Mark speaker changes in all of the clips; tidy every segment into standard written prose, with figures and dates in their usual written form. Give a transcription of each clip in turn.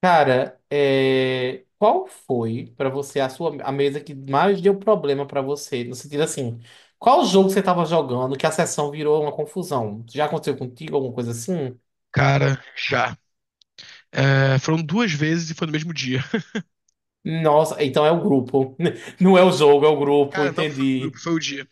Speaker 1: Cara, qual foi pra você a mesa que mais deu problema pra você? No sentido assim, qual jogo você tava jogando que a sessão virou uma confusão? Já aconteceu contigo alguma coisa assim?
Speaker 2: Cara, já. É, foram duas vezes e foi no mesmo dia.
Speaker 1: Nossa, então é o grupo. Não é o jogo, é o grupo,
Speaker 2: Cara, não foi o grupo,
Speaker 1: entendi.
Speaker 2: foi o dia.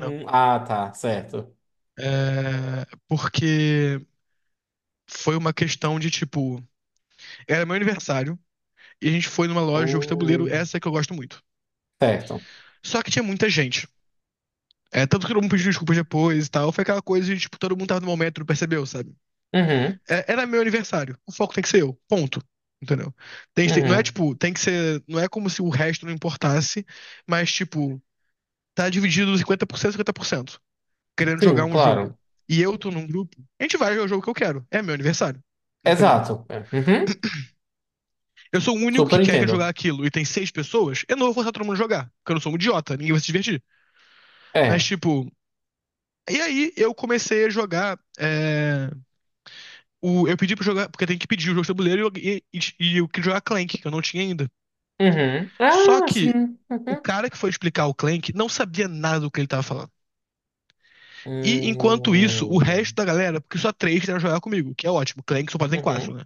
Speaker 2: Não.
Speaker 1: ah, Tá, certo.
Speaker 2: É, porque foi uma questão de tipo. Era meu aniversário e a gente foi numa loja de jogos de tabuleiro,
Speaker 1: Oh.
Speaker 2: essa que eu gosto muito.
Speaker 1: Certo.
Speaker 2: Só que tinha muita gente. É, tanto que todo mundo pediu desculpas depois e tal. Foi aquela coisa de, tipo, todo mundo tava no momento, não percebeu, sabe?
Speaker 1: Uhum,
Speaker 2: É, era meu aniversário. O foco tem que ser eu. Ponto. Entendeu? Não é,
Speaker 1: uhum.
Speaker 2: tipo, tem que ser. Não é como se o resto não importasse, mas, tipo, tá dividido 50%, 50%, querendo jogar
Speaker 1: Sim,
Speaker 2: um jogo
Speaker 1: claro.
Speaker 2: e eu tô num grupo, a gente vai jogar o jogo que eu quero. É meu aniversário. Entendeu?
Speaker 1: Exato. Uhum.
Speaker 2: Eu sou o único que
Speaker 1: Super
Speaker 2: quer jogar
Speaker 1: entendo.
Speaker 2: aquilo e tem seis pessoas. Eu não vou forçar todo mundo a jogar, porque eu não sou um idiota, ninguém vai se divertir. Mas,
Speaker 1: É.
Speaker 2: tipo. E aí eu comecei a jogar. Eu pedi pra jogar, porque tem que pedir o jogo de tabuleiro, e eu queria jogar Clank, que eu não tinha ainda.
Speaker 1: Uhum.
Speaker 2: Só
Speaker 1: Ah,
Speaker 2: que
Speaker 1: sim.
Speaker 2: o
Speaker 1: Uhum.
Speaker 2: cara que foi explicar o Clank não sabia nada do que ele tava falando. E enquanto isso, o resto
Speaker 1: Hum.
Speaker 2: da galera, porque só três quiseram jogar comigo, que é ótimo. Clank só pode ter quatro,
Speaker 1: Uhum.
Speaker 2: né?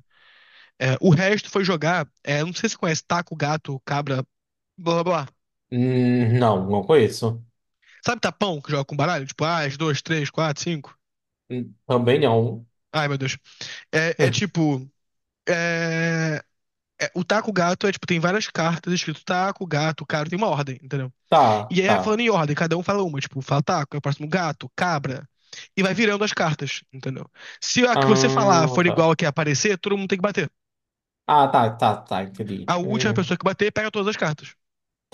Speaker 2: É, o resto foi jogar, não sei se você conhece taco, gato, cabra, blá blá blá.
Speaker 1: Não, não conheço.
Speaker 2: Sabe tapão que joga com baralho? Tipo, ah, as duas, três, quatro, cinco.
Speaker 1: Também não.
Speaker 2: Ai, meu Deus. É, é tipo. É, o taco gato é tipo, tem várias cartas escrito taco, gato, cara, tem uma ordem, entendeu?
Speaker 1: Tá,
Speaker 2: E aí é
Speaker 1: tá.
Speaker 2: falando em ordem, cada um fala uma, tipo, fala taco, é o próximo gato, cabra. E vai virando as cartas, entendeu? Se a que você falar
Speaker 1: Ah,
Speaker 2: for igual
Speaker 1: tá.
Speaker 2: a que é aparecer, todo mundo tem que bater.
Speaker 1: Ah, tá, tá, tá, entendi.
Speaker 2: A última pessoa que bater pega todas as cartas.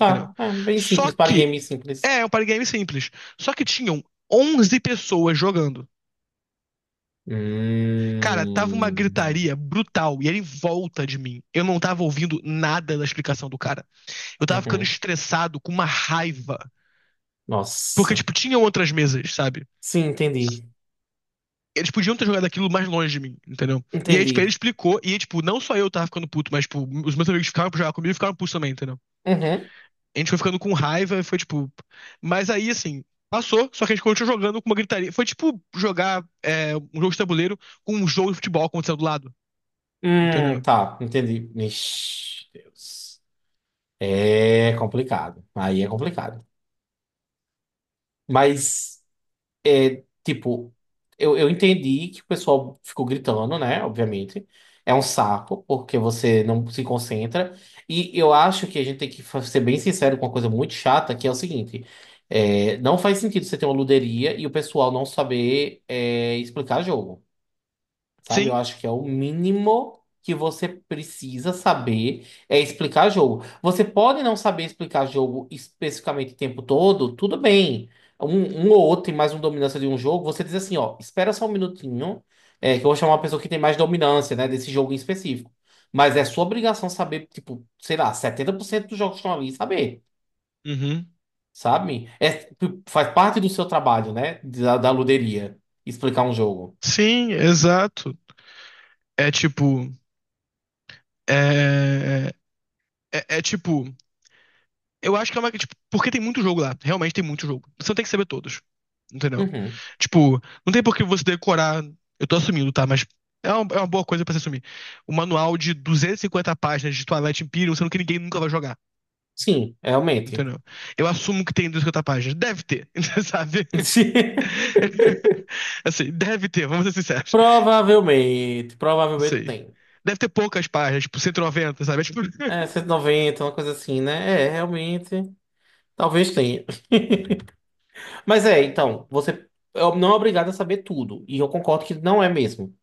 Speaker 2: Entendeu?
Speaker 1: é bem
Speaker 2: Só
Speaker 1: simples, para
Speaker 2: que.
Speaker 1: game simples.
Speaker 2: É um party game simples. Só que tinham 11 pessoas jogando. Cara, tava uma
Speaker 1: Hum,
Speaker 2: gritaria brutal e ele em volta de mim. Eu não tava ouvindo nada da explicação do cara. Eu tava ficando
Speaker 1: uhum.
Speaker 2: estressado com uma raiva. Porque,
Speaker 1: Nossa.
Speaker 2: tipo, tinham outras mesas, sabe?
Speaker 1: Sim, entendi.
Speaker 2: Eles podiam ter jogado aquilo mais longe de mim, entendeu? E aí, tipo, ele
Speaker 1: Entendi.
Speaker 2: explicou, e tipo, não só eu tava ficando puto, mas, tipo, os meus amigos ficaram pra jogar comigo e ficaram putos também, entendeu?
Speaker 1: Uhum.
Speaker 2: A gente foi ficando com raiva e foi tipo. Mas aí, assim, passou, só que a gente continuou jogando com uma gritaria. Foi tipo jogar um jogo de tabuleiro com um jogo de futebol acontecendo do lado. Entendeu?
Speaker 1: Tá, entendi. Ixi, Deus. É complicado. Aí é complicado. Mas. é, tipo, eu entendi que o pessoal ficou gritando, né? Obviamente. É um saco, porque você não se concentra. E eu acho que a gente tem que ser bem sincero com uma coisa muito chata, que é o seguinte: não faz sentido você ter uma luderia e o pessoal não saber explicar jogo. Sabe? Eu
Speaker 2: Sim.
Speaker 1: acho que é o mínimo que você precisa saber é explicar jogo. Você pode não saber explicar jogo especificamente o tempo todo, tudo bem. Um ou outro tem mais uma dominância de um jogo, você diz assim, ó, espera só um minutinho, que eu vou chamar uma pessoa que tem mais dominância, né, desse jogo em específico. Mas é sua obrigação saber, tipo, sei lá, 70% dos jogos que estão ali, saber,
Speaker 2: Uhum.
Speaker 1: sabe? É, tipo, faz parte do seu trabalho, né, da luderia, explicar um jogo.
Speaker 2: Sim, exato. É tipo. É, é, tipo. Eu acho que é uma. Tipo, porque tem muito jogo lá. Realmente tem muito jogo. Você não tem que saber todos. Entendeu?
Speaker 1: Uhum.
Speaker 2: Tipo, não tem por que você decorar. Eu tô assumindo, tá? Mas é uma boa coisa pra você assumir. O manual de 250 páginas de Twilight Imperium, sendo que ninguém nunca vai jogar.
Speaker 1: Sim, realmente.
Speaker 2: Entendeu? Eu assumo que tem 250 páginas. Deve ter, sabe? Assim, deve ter, vamos ser sinceros.
Speaker 1: Provavelmente,
Speaker 2: Eu
Speaker 1: provavelmente
Speaker 2: sei.
Speaker 1: tem.
Speaker 2: Deve ter poucas páginas, tipo 190, sabe? É tipo,
Speaker 1: É, 190, uma coisa assim, né? É, realmente, talvez tenha. Mas é, então, você não é obrigado a saber tudo. E eu concordo que não é mesmo.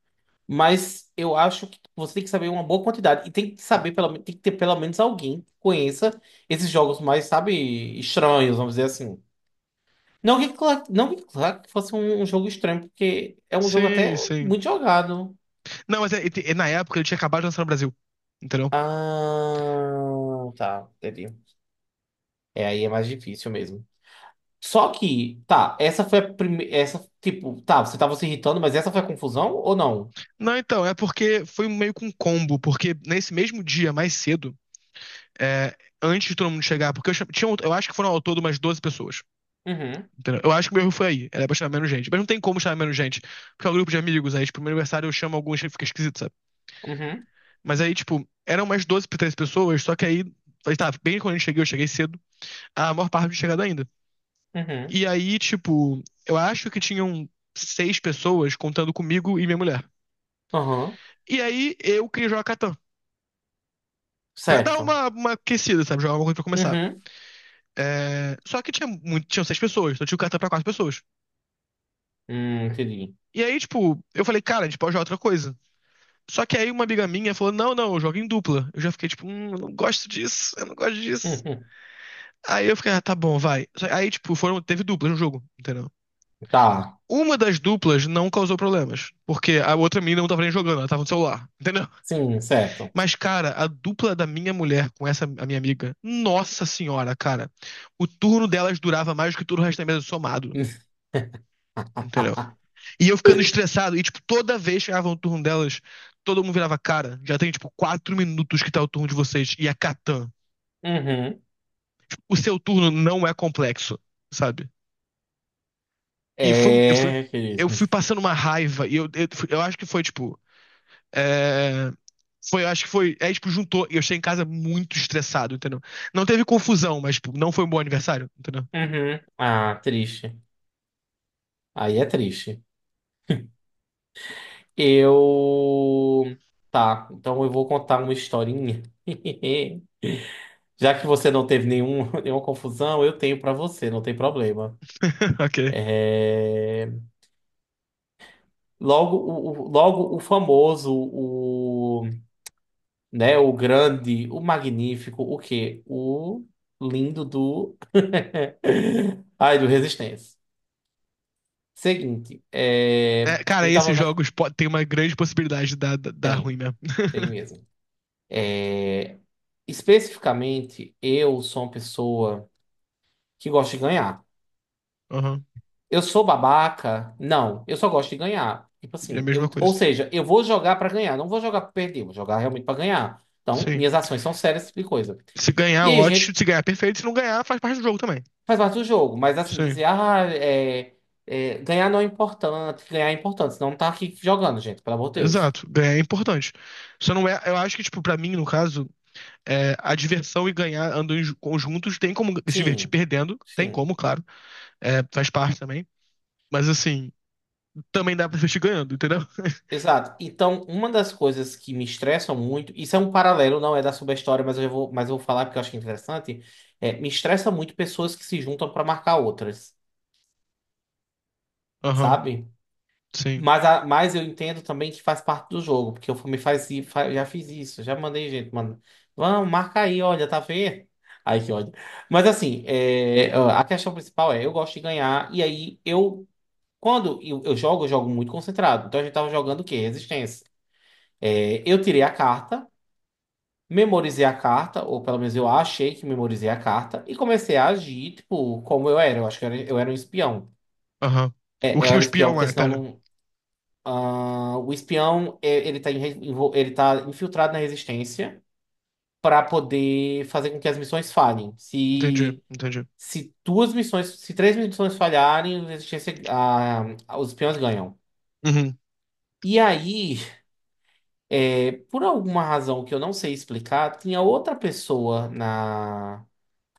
Speaker 1: Mas eu acho que você tem que saber uma boa quantidade. E tem que saber, tem que ter pelo menos alguém que conheça esses jogos mais, sabe, estranhos, vamos dizer assim. Não que, não que claro que fosse um jogo estranho, porque é um jogo
Speaker 2: sim,
Speaker 1: até
Speaker 2: sim.
Speaker 1: muito jogado.
Speaker 2: Não, mas na época ele tinha acabado de lançar no Brasil. Entendeu?
Speaker 1: Ah, tá, entendi. É, aí é mais difícil mesmo. Só que, tá, essa foi a primeira. Essa, tipo, tá, você tava se irritando, mas essa foi a confusão ou não?
Speaker 2: Não, então, é porque foi meio que um combo, porque nesse mesmo dia, mais cedo, é, antes de todo mundo chegar, porque eu, tinha, eu acho que foram ao todo umas 12 pessoas,
Speaker 1: Uhum,
Speaker 2: entendeu? Eu acho que o meu erro foi aí, era pra chamar menos gente, mas não tem como chamar menos gente, porque é um grupo de amigos. Aí, tipo, no meu aniversário eu chamo alguns, que fica esquisito, sabe?
Speaker 1: uhum,
Speaker 2: Mas aí, tipo, eram umas 12 pra 13 pessoas. Só que aí, aí tá, bem quando eu cheguei cedo, a maior parte não tinha chegado ainda.
Speaker 1: uhum,
Speaker 2: E aí, tipo, eu acho que tinham seis pessoas contando comigo e minha mulher.
Speaker 1: uhum,
Speaker 2: E aí, eu queria jogar Catan. Pra dar
Speaker 1: certo.
Speaker 2: uma aquecida, sabe? Jogar alguma coisa pra começar.
Speaker 1: Uhum,
Speaker 2: É, só que tinha muito, tinham seis pessoas, então tinha o cartão pra quatro pessoas.
Speaker 1: entendi.
Speaker 2: E aí, tipo, eu falei, cara, a gente pode jogar outra coisa. Só que aí uma amiga minha falou, não, não, eu jogo em dupla. Eu já fiquei, tipo, eu não gosto disso, eu não gosto disso.
Speaker 1: Uhum,
Speaker 2: Aí eu fiquei, ah, tá bom, vai. Aí, tipo, foram, teve duplas no jogo, entendeu?
Speaker 1: tá,
Speaker 2: Uma das duplas não causou problemas, porque a outra mina não tava nem jogando, ela tava no celular, entendeu?
Speaker 1: sim, certo.
Speaker 2: Mas, cara, a dupla da minha mulher com essa a minha amiga, nossa senhora, cara. O turno delas durava mais do que todo o resto da mesa somado, entendeu? E eu ficando estressado, e, tipo, toda vez que chegava o turno delas, todo mundo virava, cara, já tem, tipo, 4 minutos que tá o turno de vocês, e a Catan.
Speaker 1: Uhum,
Speaker 2: O seu turno não é complexo, sabe? E foi, eu fui,
Speaker 1: é, querido.
Speaker 2: eu, fui passando uma raiva, e eu acho que foi, tipo. É, foi, eu acho que foi. É, tipo, juntou. E eu cheguei em casa muito estressado, entendeu? Não teve confusão, mas, tipo, não foi um bom aniversário, entendeu?
Speaker 1: Uhum, ah, triste. Aí é triste. Eu. Tá, então eu vou contar uma historinha. Já que você não teve nenhum, nenhuma confusão, eu tenho pra você, não tem problema.
Speaker 2: Ok.
Speaker 1: É... Logo, logo o famoso, o, né, o grande, o magnífico, o quê? O lindo do. Ai, do Resistência. Seguinte,
Speaker 2: É, cara,
Speaker 1: ele tava
Speaker 2: esses
Speaker 1: na.
Speaker 2: jogos tem uma grande possibilidade de dar ruim
Speaker 1: Tem,
Speaker 2: mesmo.
Speaker 1: tem mesmo. É, especificamente, eu sou uma pessoa. Que gosta de ganhar.
Speaker 2: Aham.
Speaker 1: Eu sou babaca? Não, eu só gosto de ganhar. Tipo
Speaker 2: É a
Speaker 1: assim,
Speaker 2: mesma
Speaker 1: ou
Speaker 2: coisa.
Speaker 1: seja, eu vou jogar pra ganhar, não vou jogar pra perder, vou jogar realmente pra ganhar. Então,
Speaker 2: Sim.
Speaker 1: minhas ações são sérias, esse tipo de coisa.
Speaker 2: Se
Speaker 1: E
Speaker 2: ganhar,
Speaker 1: aí, a
Speaker 2: ótimo.
Speaker 1: gente
Speaker 2: Se ganhar, perfeito. Se não ganhar, faz parte do jogo também.
Speaker 1: faz parte do jogo, mas assim, dizer,
Speaker 2: Sim.
Speaker 1: ganhar não é importante, ganhar é importante, senão não tá aqui jogando, gente, pelo amor de Deus.
Speaker 2: Exato. Ganhar é importante. Só não é. Eu acho que, tipo, pra mim, no caso, é, a diversão e ganhar andam em conjuntos. Tem como se divertir
Speaker 1: Sim,
Speaker 2: perdendo. Tem
Speaker 1: sim.
Speaker 2: como, claro. É, faz parte também. Mas, assim. Também dá pra assistir ganhando, entendeu?
Speaker 1: Exato. Então, uma das coisas que me estressam muito, isso é um paralelo, não é da subestória, mas eu já vou, mas eu vou falar porque eu acho que é interessante, me estressa muito pessoas que se juntam para marcar outras,
Speaker 2: Aham,
Speaker 1: sabe?
Speaker 2: sim.
Speaker 1: Mas, mas eu entendo também que faz parte do jogo, porque eu já fiz isso, já mandei gente, mano. Vamos, marca aí, olha, tá vendo? Ai, que ódio. Mas assim, é, ó, a questão principal é, eu gosto de ganhar, e aí eu, eu jogo muito concentrado. Então a gente tava jogando o quê? Resistência. É, eu tirei a carta. Memorizei a carta, ou pelo menos eu achei que memorizei a carta, e comecei a agir, tipo, como eu era. Eu acho que eu era um espião.
Speaker 2: Aham. O
Speaker 1: É, eu
Speaker 2: que o
Speaker 1: era espião,
Speaker 2: espião
Speaker 1: porque
Speaker 2: é?
Speaker 1: senão
Speaker 2: Pera.
Speaker 1: não. Ah, o espião, é, ele tá, em re- envol- ele tá infiltrado na resistência para poder fazer com que as missões falhem.
Speaker 2: Entendi, entendi.
Speaker 1: Se 2 missões, se 3 missões falharem, a resistência, ah, os espiões ganham.
Speaker 2: Uhum.
Speaker 1: E aí, é, por alguma razão que eu não sei explicar, tinha outra pessoa na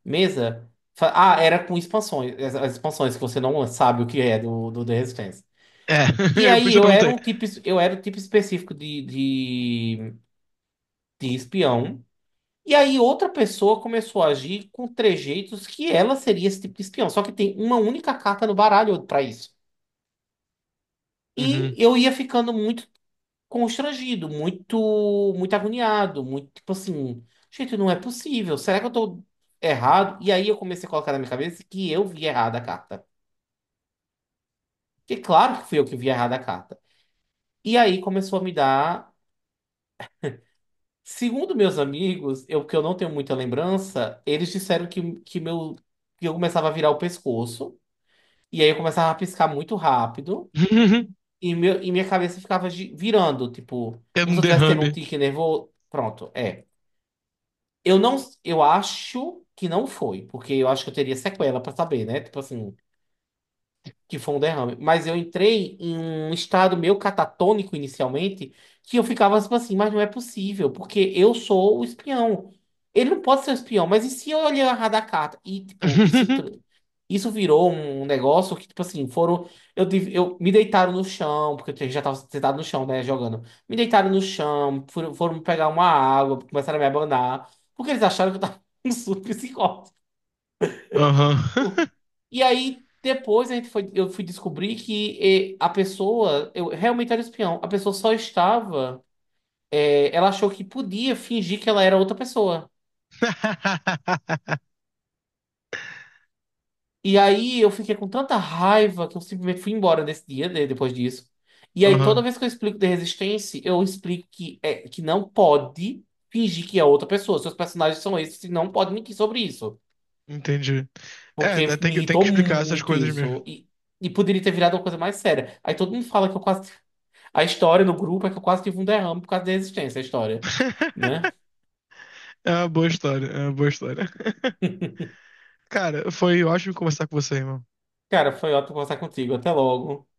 Speaker 1: mesa? Ah, era com expansões. As expansões que você não sabe o que é do The Resistance.
Speaker 2: É,
Speaker 1: E
Speaker 2: eu por
Speaker 1: aí
Speaker 2: isso eu
Speaker 1: eu era
Speaker 2: perguntei.
Speaker 1: um tipo, eu era o tipo específico de espião. E aí outra pessoa começou a agir com trejeitos que ela seria esse tipo de espião. Só que tem uma única carta no baralho para isso. E
Speaker 2: Uhum.
Speaker 1: eu ia ficando muito constrangido, muito agoniado, muito tipo assim, gente, não é possível. Será que eu tô errado? E aí eu comecei a colocar na minha cabeça que eu vi errada a carta. Que claro que fui eu que vi errado a carta. E aí começou a me dar. Segundo meus amigos, eu não tenho muita lembrança, eles disseram meu, que eu começava a virar o pescoço. E aí eu começava a piscar muito rápido. E, meu, e minha cabeça ficava virando, tipo,
Speaker 2: É
Speaker 1: como
Speaker 2: um
Speaker 1: se eu tivesse tendo um
Speaker 2: derrame.
Speaker 1: tique nervoso. Pronto, é. Eu não. Eu acho que não foi, porque eu acho que eu teria sequela pra saber, né? Tipo assim. Que foi um derrame. Mas eu entrei em um estado meio catatônico inicialmente, que eu ficava tipo assim, mas não é possível, porque eu sou o espião. Ele não pode ser o espião, mas e se eu olhar errado a carta? E, tipo, isso entrou. Isso virou um negócio que, tipo assim, foram. Eu me deitaram no chão, porque eu já tava sentado no chão, né, jogando. Me deitaram no chão, foram pegar uma água, começaram a me abanar, porque eles acharam que eu tava um surto psicótico.
Speaker 2: Aham.
Speaker 1: E aí, depois eu fui descobrir que a pessoa, eu realmente era espião. A pessoa só estava, ela achou que podia fingir que ela era outra pessoa. E aí eu fiquei com tanta raiva que eu simplesmente fui embora nesse dia, né, depois disso. E aí, toda
Speaker 2: Aham.
Speaker 1: vez que eu explico de resistência, eu explico que, é, que não pode fingir que é outra pessoa. Seus personagens são esses e não pode mentir sobre isso.
Speaker 2: Entendi. É,
Speaker 1: Porque me
Speaker 2: tem que
Speaker 1: irritou
Speaker 2: explicar essas
Speaker 1: muito
Speaker 2: coisas mesmo.
Speaker 1: isso. E poderia ter virado uma coisa mais séria. Aí todo mundo fala que eu quase. A história do grupo é que eu quase tive um derrame por causa da existência, a história, né?
Speaker 2: É uma boa história, é uma boa história. Cara, foi ótimo conversar com você, irmão.
Speaker 1: Cara, foi ótimo conversar contigo. Até logo.